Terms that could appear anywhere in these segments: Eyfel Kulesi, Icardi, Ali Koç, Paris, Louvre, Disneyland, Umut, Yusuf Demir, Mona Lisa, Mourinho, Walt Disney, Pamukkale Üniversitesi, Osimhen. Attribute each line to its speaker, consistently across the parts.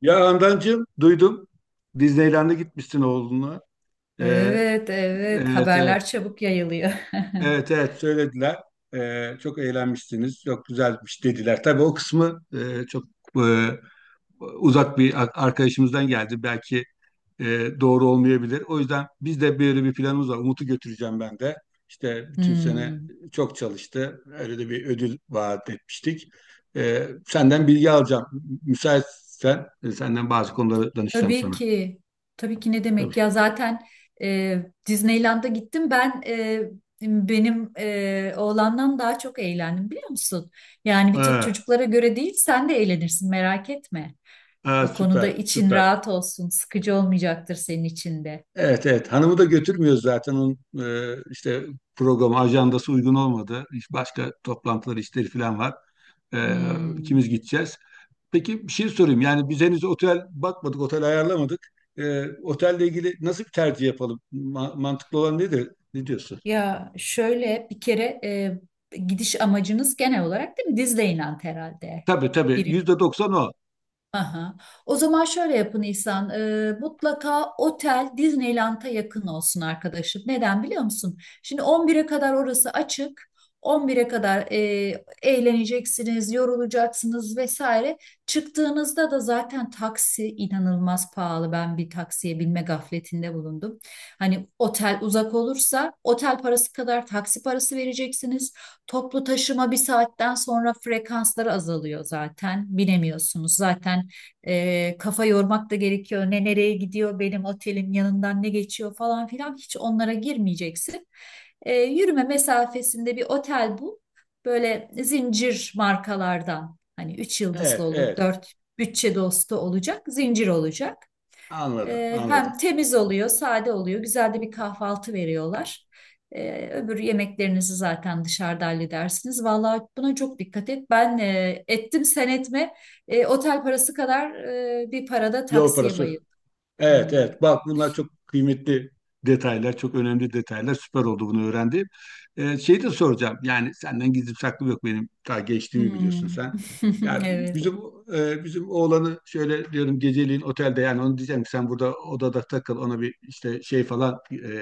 Speaker 1: Ya Handancığım duydum. Disneyland'e gitmişsin oğlunla. Ee,
Speaker 2: Evet, evet.
Speaker 1: evet,
Speaker 2: Haberler
Speaker 1: evet.
Speaker 2: çabuk yayılıyor.
Speaker 1: Evet, evet söylediler. Çok eğlenmişsiniz. Çok güzelmiş dediler. Tabii o kısmı çok e, uzak bir arkadaşımızdan geldi. Belki doğru olmayabilir. O yüzden biz de böyle bir planımız var. Umut'u götüreceğim ben de. İşte bütün sene
Speaker 2: Hmm.
Speaker 1: çok çalıştı. Öyle de bir ödül vaat etmiştik. Senden bilgi alacağım. Müsaitsen senden bazı konuları danışacağım
Speaker 2: Tabii
Speaker 1: sana.
Speaker 2: ki. Tabii ki ne
Speaker 1: Tabii.
Speaker 2: demek ya zaten Disneyland'a gittim ben, benim oğlandan daha çok eğlendim biliyor musun? Yani bir tek
Speaker 1: Ha,
Speaker 2: çocuklara göre değil, sen de eğlenirsin merak etme.
Speaker 1: ha,
Speaker 2: O konuda
Speaker 1: süper,
Speaker 2: için
Speaker 1: süper.
Speaker 2: rahat olsun, sıkıcı olmayacaktır senin için de.
Speaker 1: Evet, evet. Hanımı da götürmüyoruz zaten. Onun işte programı, ajandası uygun olmadı. Başka toplantılar, işleri falan var. E,
Speaker 2: Hmm.
Speaker 1: ikimiz gideceğiz. Peki bir şey sorayım. Yani biz henüz otel bakmadık, otel ayarlamadık. Otelle ilgili nasıl bir tercih yapalım? Mantıklı olan nedir? Ne diyorsun?
Speaker 2: Ya şöyle bir kere gidiş amacınız genel olarak değil mi? Disneyland herhalde.
Speaker 1: Tabii, tabii. %90 o.
Speaker 2: Aha. O zaman şöyle yapın İhsan. Mutlaka otel Disneyland'a yakın olsun arkadaşım. Neden biliyor musun? Şimdi 11'e kadar orası açık. 11'e kadar eğleneceksiniz, yorulacaksınız vesaire. Çıktığınızda da zaten taksi inanılmaz pahalı. Ben bir taksiye binme gafletinde bulundum. Hani otel uzak olursa otel parası kadar taksi parası vereceksiniz. Toplu taşıma bir saatten sonra frekansları azalıyor zaten. Binemiyorsunuz zaten, kafa yormak da gerekiyor. Ne nereye gidiyor, benim otelin yanından ne geçiyor falan filan, hiç onlara girmeyeceksin. Yürüme mesafesinde bir otel bul. Böyle zincir markalardan, hani 3 yıldızlı
Speaker 1: Evet,
Speaker 2: olur,
Speaker 1: evet.
Speaker 2: dört, bütçe dostu olacak, zincir olacak.
Speaker 1: Anladım,
Speaker 2: Hem
Speaker 1: anladım.
Speaker 2: temiz oluyor, sade oluyor. Güzel de bir kahvaltı veriyorlar. Öbür yemeklerinizi zaten dışarıda halledersiniz. Vallahi buna çok dikkat et. Ben ettim, sen etme. Otel parası kadar bir parada
Speaker 1: Yol
Speaker 2: taksiye
Speaker 1: parası.
Speaker 2: bayıldım.
Speaker 1: Evet,
Speaker 2: Hmm.
Speaker 1: evet, bak, bunlar çok kıymetli detaylar, çok önemli detaylar, süper oldu bunu öğrendiğim. Şey de soracağım, yani senden gizli saklı yok, benim daha gençliğimi biliyorsun
Speaker 2: Hmm.
Speaker 1: sen. Yani
Speaker 2: Evet.
Speaker 1: bizim bizim oğlanı şöyle diyorum, geceliğin otelde, yani onu diyeceğim ki sen burada odada takıl, ona bir işte şey falan,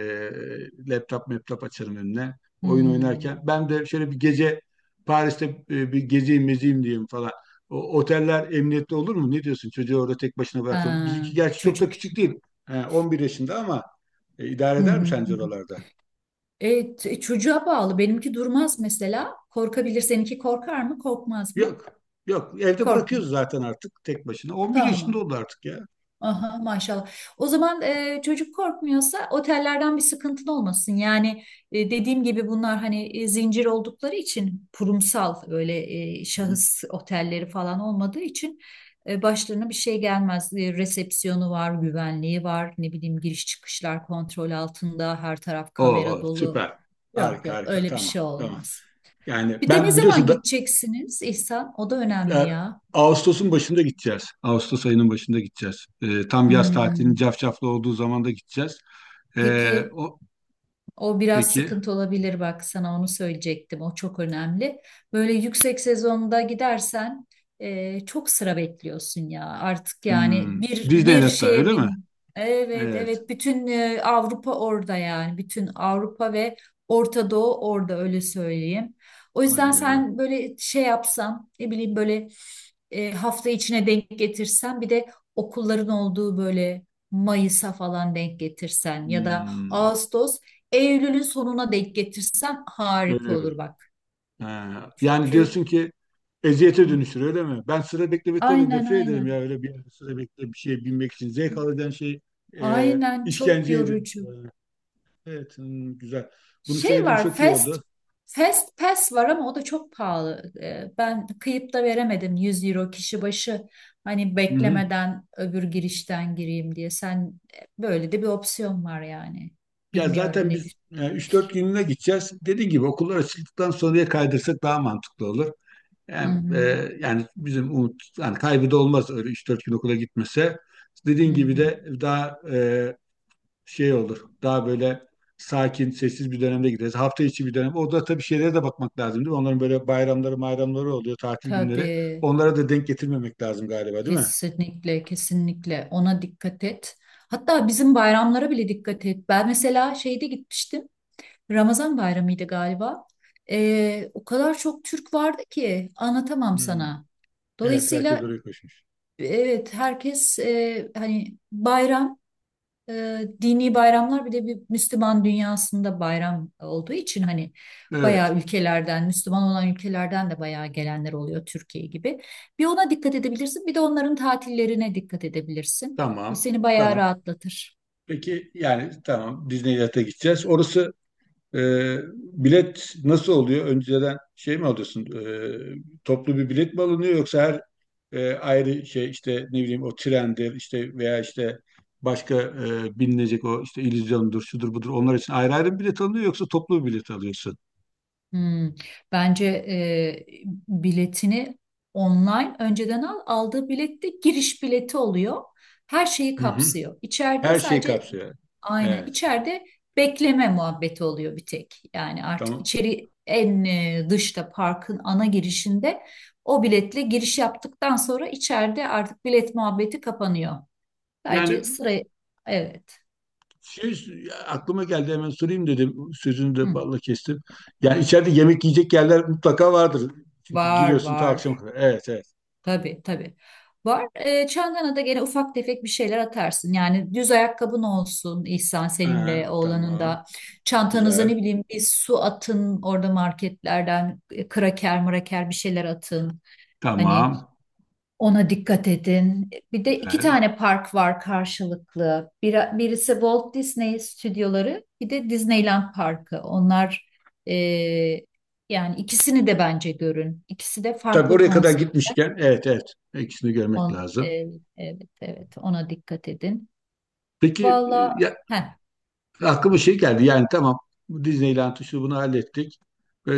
Speaker 1: laptop açarım önüne, oyun
Speaker 2: Hmm.
Speaker 1: oynarken ben de şöyle bir gece Paris'te bir gezeyim mezeyim diyeyim falan. Oteller emniyette olur mu? Ne diyorsun? Çocuğu orada tek başına bıraktım.
Speaker 2: Ha,
Speaker 1: Bizimki gerçi çok da
Speaker 2: çocuk
Speaker 1: küçük
Speaker 2: için.
Speaker 1: değil. He, 11 yaşında ama idare
Speaker 2: Hı hı.
Speaker 1: eder mi
Speaker 2: Hı
Speaker 1: sence
Speaker 2: hı.
Speaker 1: oralarda?
Speaker 2: Çocuğa bağlı. Benimki durmaz mesela. Korkabilir. Seninki korkar mı? Korkmaz mı?
Speaker 1: Yok. Yok. Evde
Speaker 2: Korkmuyor.
Speaker 1: bırakıyoruz zaten artık tek başına. 11 yaşında
Speaker 2: Tamam.
Speaker 1: oldu artık ya.
Speaker 2: Aha, maşallah. O zaman, çocuk korkmuyorsa otellerden bir sıkıntın olmasın. Yani dediğim gibi bunlar hani zincir oldukları için kurumsal, öyle
Speaker 1: Hı hı.
Speaker 2: şahıs otelleri falan olmadığı için başlarına bir şey gelmez. E, resepsiyonu var, güvenliği var, ne bileyim giriş çıkışlar kontrol altında, her taraf kamera
Speaker 1: Oo,
Speaker 2: dolu.
Speaker 1: süper.
Speaker 2: Yok
Speaker 1: Harika,
Speaker 2: yok,
Speaker 1: harika.
Speaker 2: öyle bir
Speaker 1: Tamam.
Speaker 2: şey
Speaker 1: Tamam.
Speaker 2: olmaz.
Speaker 1: Yani
Speaker 2: Bir de ne
Speaker 1: ben
Speaker 2: zaman
Speaker 1: biliyorsun da,
Speaker 2: gideceksiniz İhsan? O da önemli
Speaker 1: e,
Speaker 2: ya.
Speaker 1: Ağustos'un başında gideceğiz. Ağustos ayının başında gideceğiz. Tam yaz tatilinin
Speaker 2: Hmm.
Speaker 1: cafcaflı olduğu zaman da gideceğiz. E,
Speaker 2: Peki.
Speaker 1: o,
Speaker 2: O biraz
Speaker 1: peki.
Speaker 2: sıkıntı olabilir, bak sana onu söyleyecektim. O çok önemli. Böyle yüksek sezonda gidersen çok sıra bekliyorsun ya artık, yani
Speaker 1: Hmm,
Speaker 2: bir
Speaker 1: Disneyland'da
Speaker 2: şeye
Speaker 1: öyle mi?
Speaker 2: bin. Evet
Speaker 1: Evet.
Speaker 2: evet, bütün Avrupa orada, yani bütün Avrupa ve Orta Doğu orada, öyle söyleyeyim. O yüzden
Speaker 1: Hadi ya.
Speaker 2: sen böyle şey yapsan, ne bileyim, böyle hafta içine denk getirsen, bir de okulların olduğu, böyle Mayıs'a falan denk getirsen ya da
Speaker 1: Hmm,
Speaker 2: Ağustos Eylül'ün sonuna denk getirsem harika
Speaker 1: Öyle
Speaker 2: olur
Speaker 1: bir.
Speaker 2: bak.
Speaker 1: Ha, yani
Speaker 2: Çünkü
Speaker 1: diyorsun ki eziyete
Speaker 2: Hı.
Speaker 1: dönüşür öyle mi? Ben sıra beklemekten de
Speaker 2: Aynen
Speaker 1: nefret ederim ya,
Speaker 2: aynen.
Speaker 1: öyle bir yerde sıra bekle bir şeye binmek için. Zevk alacağın şey e,
Speaker 2: Aynen, çok
Speaker 1: işkenceye
Speaker 2: yorucu.
Speaker 1: dönüşür. Evet, güzel. Bunu
Speaker 2: Şey
Speaker 1: söylediğin
Speaker 2: var,
Speaker 1: çok iyi
Speaker 2: fast
Speaker 1: oldu.
Speaker 2: fast pass var ama o da çok pahalı. Ben kıyıp da veremedim, 100 euro kişi başı. Hani
Speaker 1: Hı-hı.
Speaker 2: beklemeden öbür girişten gireyim diye. Sen, böyle de bir opsiyon var yani.
Speaker 1: Ya
Speaker 2: Bilmiyorum
Speaker 1: zaten
Speaker 2: nedir.
Speaker 1: biz 3-4 günlüğüne gideceğiz. Dediğim gibi okullar açıldıktan sonraya kaydırsak daha mantıklı olur.
Speaker 2: Hı
Speaker 1: Hem,
Speaker 2: hı.
Speaker 1: yani bizim umut, yani kaybı da olmaz öyle 3-4 gün okula gitmese.
Speaker 2: Hı
Speaker 1: Dediğin gibi
Speaker 2: hı.
Speaker 1: de daha şey olur. Daha böyle sakin, sessiz bir dönemde gideriz. Hafta içi bir dönem. Orada tabii şeylere de bakmak lazım, değil mi? Onların böyle bayramları, bayramları oluyor, tatil günleri.
Speaker 2: Tabii.
Speaker 1: Onlara da denk getirmemek lazım galiba, değil mi?
Speaker 2: Kesinlikle, kesinlikle ona dikkat et. Hatta bizim bayramlara bile dikkat et. Ben mesela şeyde gitmiştim. Ramazan bayramıydı galiba. O kadar çok Türk vardı ki anlatamam
Speaker 1: Hmm.
Speaker 2: sana.
Speaker 1: Evet, herkes
Speaker 2: Dolayısıyla
Speaker 1: oraya koşmuş.
Speaker 2: evet, herkes hani bayram, dini bayramlar, bir de bir Müslüman dünyasında bayram olduğu için hani
Speaker 1: Evet,
Speaker 2: bayağı ülkelerden, Müslüman olan ülkelerden de bayağı gelenler oluyor Türkiye gibi. Bir ona dikkat edebilirsin, bir de onların tatillerine dikkat edebilirsin. O
Speaker 1: tamam.
Speaker 2: seni bayağı
Speaker 1: Tamam.
Speaker 2: rahatlatır.
Speaker 1: Peki, yani tamam, Disneyland'e gideceğiz. Orası. Bilet nasıl oluyor? Önceden şey mi alıyorsun? Toplu bir bilet mi alınıyor, yoksa her ayrı şey, işte ne bileyim, o trendir işte, veya işte başka binilecek o, işte illüzyondur, şudur budur, onlar için ayrı ayrı mı bilet alınıyor, yoksa toplu bir bilet alıyorsun?
Speaker 2: Hmm. Bence biletini online önceden al. Aldığı bilet de giriş bileti oluyor. Her şeyi
Speaker 1: Hı hı.
Speaker 2: kapsıyor. İçeride
Speaker 1: Her şey
Speaker 2: sadece
Speaker 1: kapsıyor, yani.
Speaker 2: Aynen.
Speaker 1: Evet,
Speaker 2: İçeride bekleme muhabbeti oluyor bir tek. Yani artık
Speaker 1: tamam.
Speaker 2: içeri en dışta, parkın ana girişinde o biletle giriş yaptıktan sonra içeride artık bilet muhabbeti kapanıyor. Sadece
Speaker 1: Yani
Speaker 2: sıraya evet.
Speaker 1: şey aklıma geldi, hemen sorayım dedim. Sözünü de
Speaker 2: Hı.
Speaker 1: balla kestim. Yani içeride yemek yiyecek yerler mutlaka vardır. Çünkü
Speaker 2: Var
Speaker 1: giriyorsun ta
Speaker 2: var.
Speaker 1: akşama kadar. Evet, evet.
Speaker 2: Tabii tabii. Var. E, çantana da gene ufak tefek bir şeyler atarsın. Yani düz ayakkabın olsun İhsan, senin de
Speaker 1: Ha,
Speaker 2: oğlanın
Speaker 1: tamam.
Speaker 2: da. Çantanıza, ne
Speaker 1: Güzel.
Speaker 2: bileyim, bir su atın, orada marketlerden kraker mraker bir şeyler atın. Hani
Speaker 1: Tamam.
Speaker 2: ona dikkat edin. Bir de iki
Speaker 1: Güzel.
Speaker 2: tane park var karşılıklı. Birisi Walt Disney stüdyoları, bir de Disneyland Parkı. Onlar, e, yani ikisini de bence görün. İkisi de
Speaker 1: Tabii
Speaker 2: farklı
Speaker 1: oraya kadar
Speaker 2: konsept.
Speaker 1: gitmişken, evet, evet, ikisini görmek
Speaker 2: On, e,
Speaker 1: lazım.
Speaker 2: evet evet, ona dikkat edin.
Speaker 1: Peki
Speaker 2: Valla,
Speaker 1: ya,
Speaker 2: heh,
Speaker 1: aklıma şey geldi, yani tamam, bu Disneyland'ı şu bunu hallettik.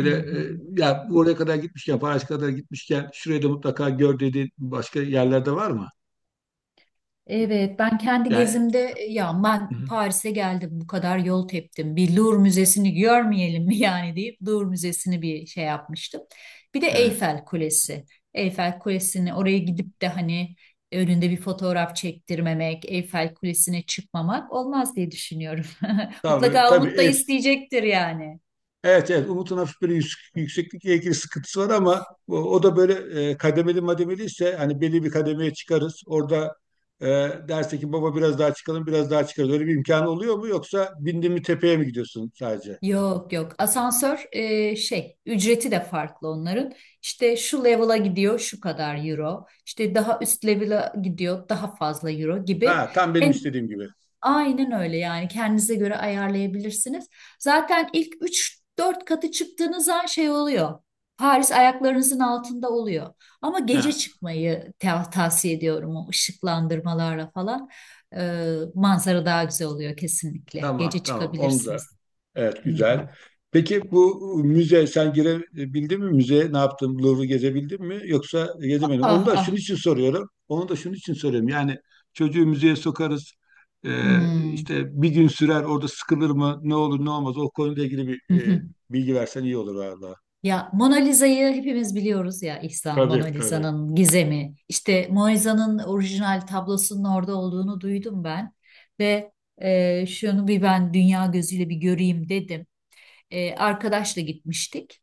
Speaker 2: hı hı.
Speaker 1: ya, oraya kadar gitmişken, Paris kadar gitmişken, şurayı da mutlaka gör dediğin başka yerlerde var mı?
Speaker 2: Evet, ben kendi
Speaker 1: Yani.
Speaker 2: gezimde, ya
Speaker 1: Hı
Speaker 2: ben
Speaker 1: hı.
Speaker 2: Paris'e geldim bu kadar yol teptim, bir Louvre Müzesi'ni görmeyelim mi yani deyip Louvre Müzesi'ni bir şey yapmıştım. Bir de
Speaker 1: Evet.
Speaker 2: Eyfel Kulesi. Eyfel Kulesi'ni oraya gidip de hani önünde bir fotoğraf çektirmemek, Eyfel Kulesi'ne çıkmamak olmaz diye düşünüyorum.
Speaker 1: Tabii,
Speaker 2: Mutlaka
Speaker 1: tabii.
Speaker 2: Umut da isteyecektir yani.
Speaker 1: Evet, evet, Umut'un hafif böyle yükseklikle ilgili sıkıntısı var, ama o da böyle kademeli mademeli ise hani belli bir kademeye çıkarız. Orada e, derse ki baba biraz daha çıkalım, biraz daha çıkarız. Öyle bir imkanı oluyor mu, yoksa bindin mi, tepeye mi gidiyorsun sadece?
Speaker 2: Yok yok, asansör şey ücreti de farklı onların, işte şu level'a gidiyor şu kadar euro, işte daha üst level'a gidiyor daha fazla euro gibi,
Speaker 1: Ha, tam benim
Speaker 2: en
Speaker 1: istediğim gibi.
Speaker 2: aynen öyle, yani kendinize göre ayarlayabilirsiniz. Zaten ilk üç dört katı çıktığınız an şey oluyor, Paris ayaklarınızın altında oluyor. Ama gece
Speaker 1: Ha,
Speaker 2: çıkmayı tavsiye ediyorum, o ışıklandırmalarla falan. Manzara daha güzel oluyor, kesinlikle
Speaker 1: tamam,
Speaker 2: gece
Speaker 1: tamam, onu da.
Speaker 2: çıkabilirsiniz.
Speaker 1: Evet,
Speaker 2: Hı
Speaker 1: güzel.
Speaker 2: hı.
Speaker 1: Peki bu müze, sen girebildin mi? Müzeye ne yaptın? Louvre'u gezebildin mi? Yoksa gezemedin. Onu
Speaker 2: Ah
Speaker 1: da şunun
Speaker 2: ah.
Speaker 1: için soruyorum. Onu da şunun için soruyorum. Yani çocuğu müzeye sokarız.
Speaker 2: Hmm.
Speaker 1: İşte bir gün sürer orada, sıkılır mı? Ne olur ne olmaz? O konuyla ilgili
Speaker 2: Hı
Speaker 1: bir
Speaker 2: hı.
Speaker 1: bilgi versen iyi olur valla.
Speaker 2: Ya Mona Lisa'yı hepimiz biliyoruz ya İhsan, Mona
Speaker 1: Tabii, tabii.
Speaker 2: Lisa'nın gizemi. İşte Mona Lisa'nın orijinal tablosunun orada olduğunu duydum ben ve şunu bir ben dünya gözüyle bir göreyim dedim. E, arkadaşla gitmiştik.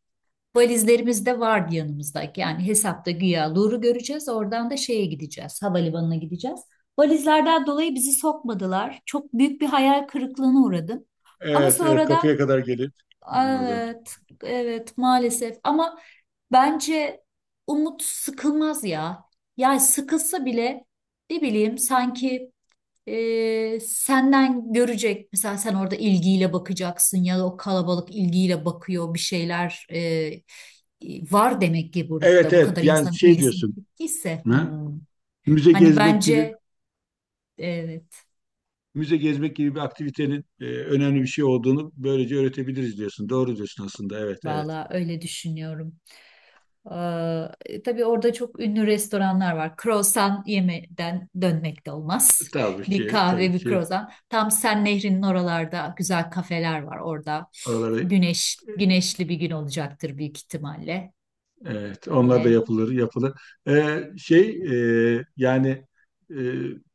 Speaker 2: Valizlerimiz de vardı yanımızdaki. Yani hesapta güya Louvre'u göreceğiz. Oradan da şeye gideceğiz. Havalimanına gideceğiz. Valizlerden dolayı bizi sokmadılar. Çok büyük bir hayal kırıklığına uğradım. Ama
Speaker 1: Evet, evet,
Speaker 2: sonradan,
Speaker 1: kapıya kadar gelip. Anladım.
Speaker 2: evet, evet maalesef. Ama bence Umut sıkılmaz ya. Yani sıkılsa bile, ne bileyim, sanki senden görecek. Mesela sen orada ilgiyle bakacaksın ya da o kalabalık ilgiyle bakıyor, bir şeyler var demek ki
Speaker 1: Evet,
Speaker 2: burada, bu kadar
Speaker 1: evet, yani
Speaker 2: insanın
Speaker 1: şey
Speaker 2: ilgisini
Speaker 1: diyorsun.
Speaker 2: çektiyse.
Speaker 1: Ha?
Speaker 2: Hmm.
Speaker 1: Müze
Speaker 2: Hani
Speaker 1: gezmek gibi
Speaker 2: bence evet,
Speaker 1: Müze gezmek gibi bir aktivitenin önemli bir şey olduğunu böylece öğretebiliriz diyorsun. Doğru diyorsun aslında. Evet, evet.
Speaker 2: valla öyle düşünüyorum. Tabii orada çok ünlü restoranlar var. Croissant yemeden dönmek de olmaz.
Speaker 1: Tabii
Speaker 2: Bir
Speaker 1: ki, tabii
Speaker 2: kahve, bir
Speaker 1: ki.
Speaker 2: croissant. Tam Sen Nehri'nin oralarda güzel kafeler var orada.
Speaker 1: Oraları.
Speaker 2: Güneş, güneşli bir gün olacaktır büyük ihtimalle.
Speaker 1: Evet, onlar da
Speaker 2: Böyle.
Speaker 1: yapılır, yapılır. Şey, yani, e,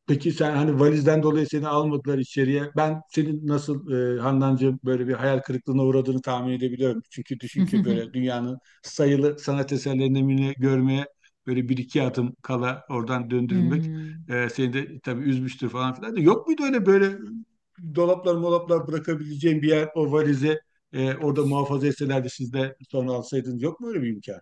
Speaker 1: peki sen hani valizden dolayı seni almadılar içeriye. Ben senin nasıl, Handancığım, böyle bir hayal kırıklığına uğradığını tahmin edebiliyorum. Çünkü düşün ki böyle dünyanın sayılı sanat eserlerini mi görmeye böyle bir iki adım kala oradan döndürülmek
Speaker 2: Hmm.
Speaker 1: seni de tabii üzmüştür falan filan. Da. Yok muydu öyle, böyle dolaplar molaplar bırakabileceğin bir yer, o valize orada muhafaza etselerdi, siz de sonra alsaydınız, yok mu öyle bir imkan?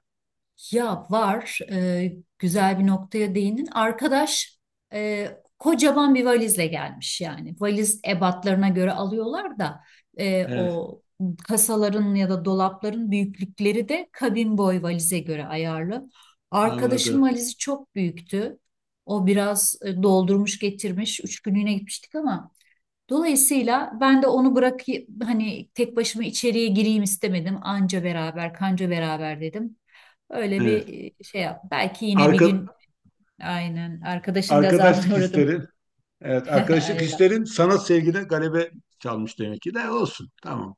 Speaker 2: Ya var, güzel bir noktaya değindin. Arkadaş, e, kocaman bir valizle gelmiş yani. Valiz ebatlarına göre alıyorlar da
Speaker 1: Evet,
Speaker 2: o kasaların ya da dolapların büyüklükleri de kabin boy valize göre ayarlı. Arkadaşın
Speaker 1: anladım.
Speaker 2: valizi çok büyüktü. O biraz doldurmuş getirmiş. Üç günlüğüne gitmiştik ama. Dolayısıyla ben de onu bırak hani tek başıma içeriye gireyim istemedim. Anca beraber, kanca beraber dedim. Öyle
Speaker 1: Evet.
Speaker 2: bir şey yap. Belki yine bir
Speaker 1: Arka,
Speaker 2: gün aynen arkadaşın
Speaker 1: Arkadaşlık
Speaker 2: gazabına uğradım.
Speaker 1: hislerin, evet, arkadaşlık
Speaker 2: Ayla.
Speaker 1: hislerin sanat sevgine galebe çalmış demek ki, de olsun. Tamam.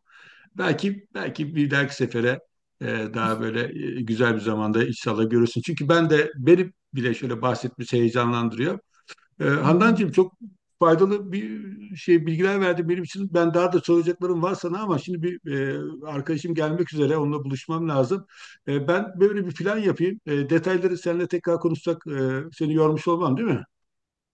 Speaker 1: Belki, belki bir dahaki sefere e, daha böyle güzel bir zamanda inşallah görürsün. Çünkü ben de, beni bile şöyle bahsetmesi heyecanlandırıyor.
Speaker 2: Hı hı.
Speaker 1: Handancığım, çok faydalı bir şey bilgiler verdin benim için. Ben daha da soracaklarım var sana, ama şimdi bir arkadaşım gelmek üzere, onunla buluşmam lazım. Ben böyle bir plan yapayım. Detayları seninle tekrar konuşsak, seni yormuş olmam, değil mi?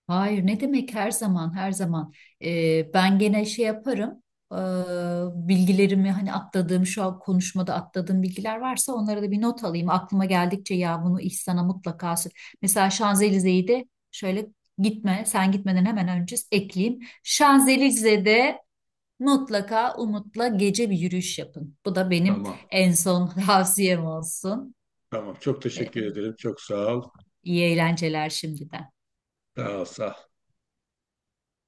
Speaker 2: Hayır, ne demek, her zaman. Ben gene şey yaparım, Ee, bilgilerimi, hani atladığım şu an konuşmada atladığım bilgiler varsa onlara da bir not alayım aklıma geldikçe, ya bunu İhsan'a mutlaka mesela Şanzelize'yi de şöyle gitme, sen gitmeden hemen önce ekleyeyim, Şanzelize'de mutlaka Umut'la gece bir yürüyüş yapın, bu da benim
Speaker 1: Tamam.
Speaker 2: en son tavsiyem olsun.
Speaker 1: Tamam. Çok teşekkür
Speaker 2: Ee,
Speaker 1: ederim. Çok sağ ol.
Speaker 2: iyi eğlenceler şimdiden.
Speaker 1: Sağ ol. Sağ ol.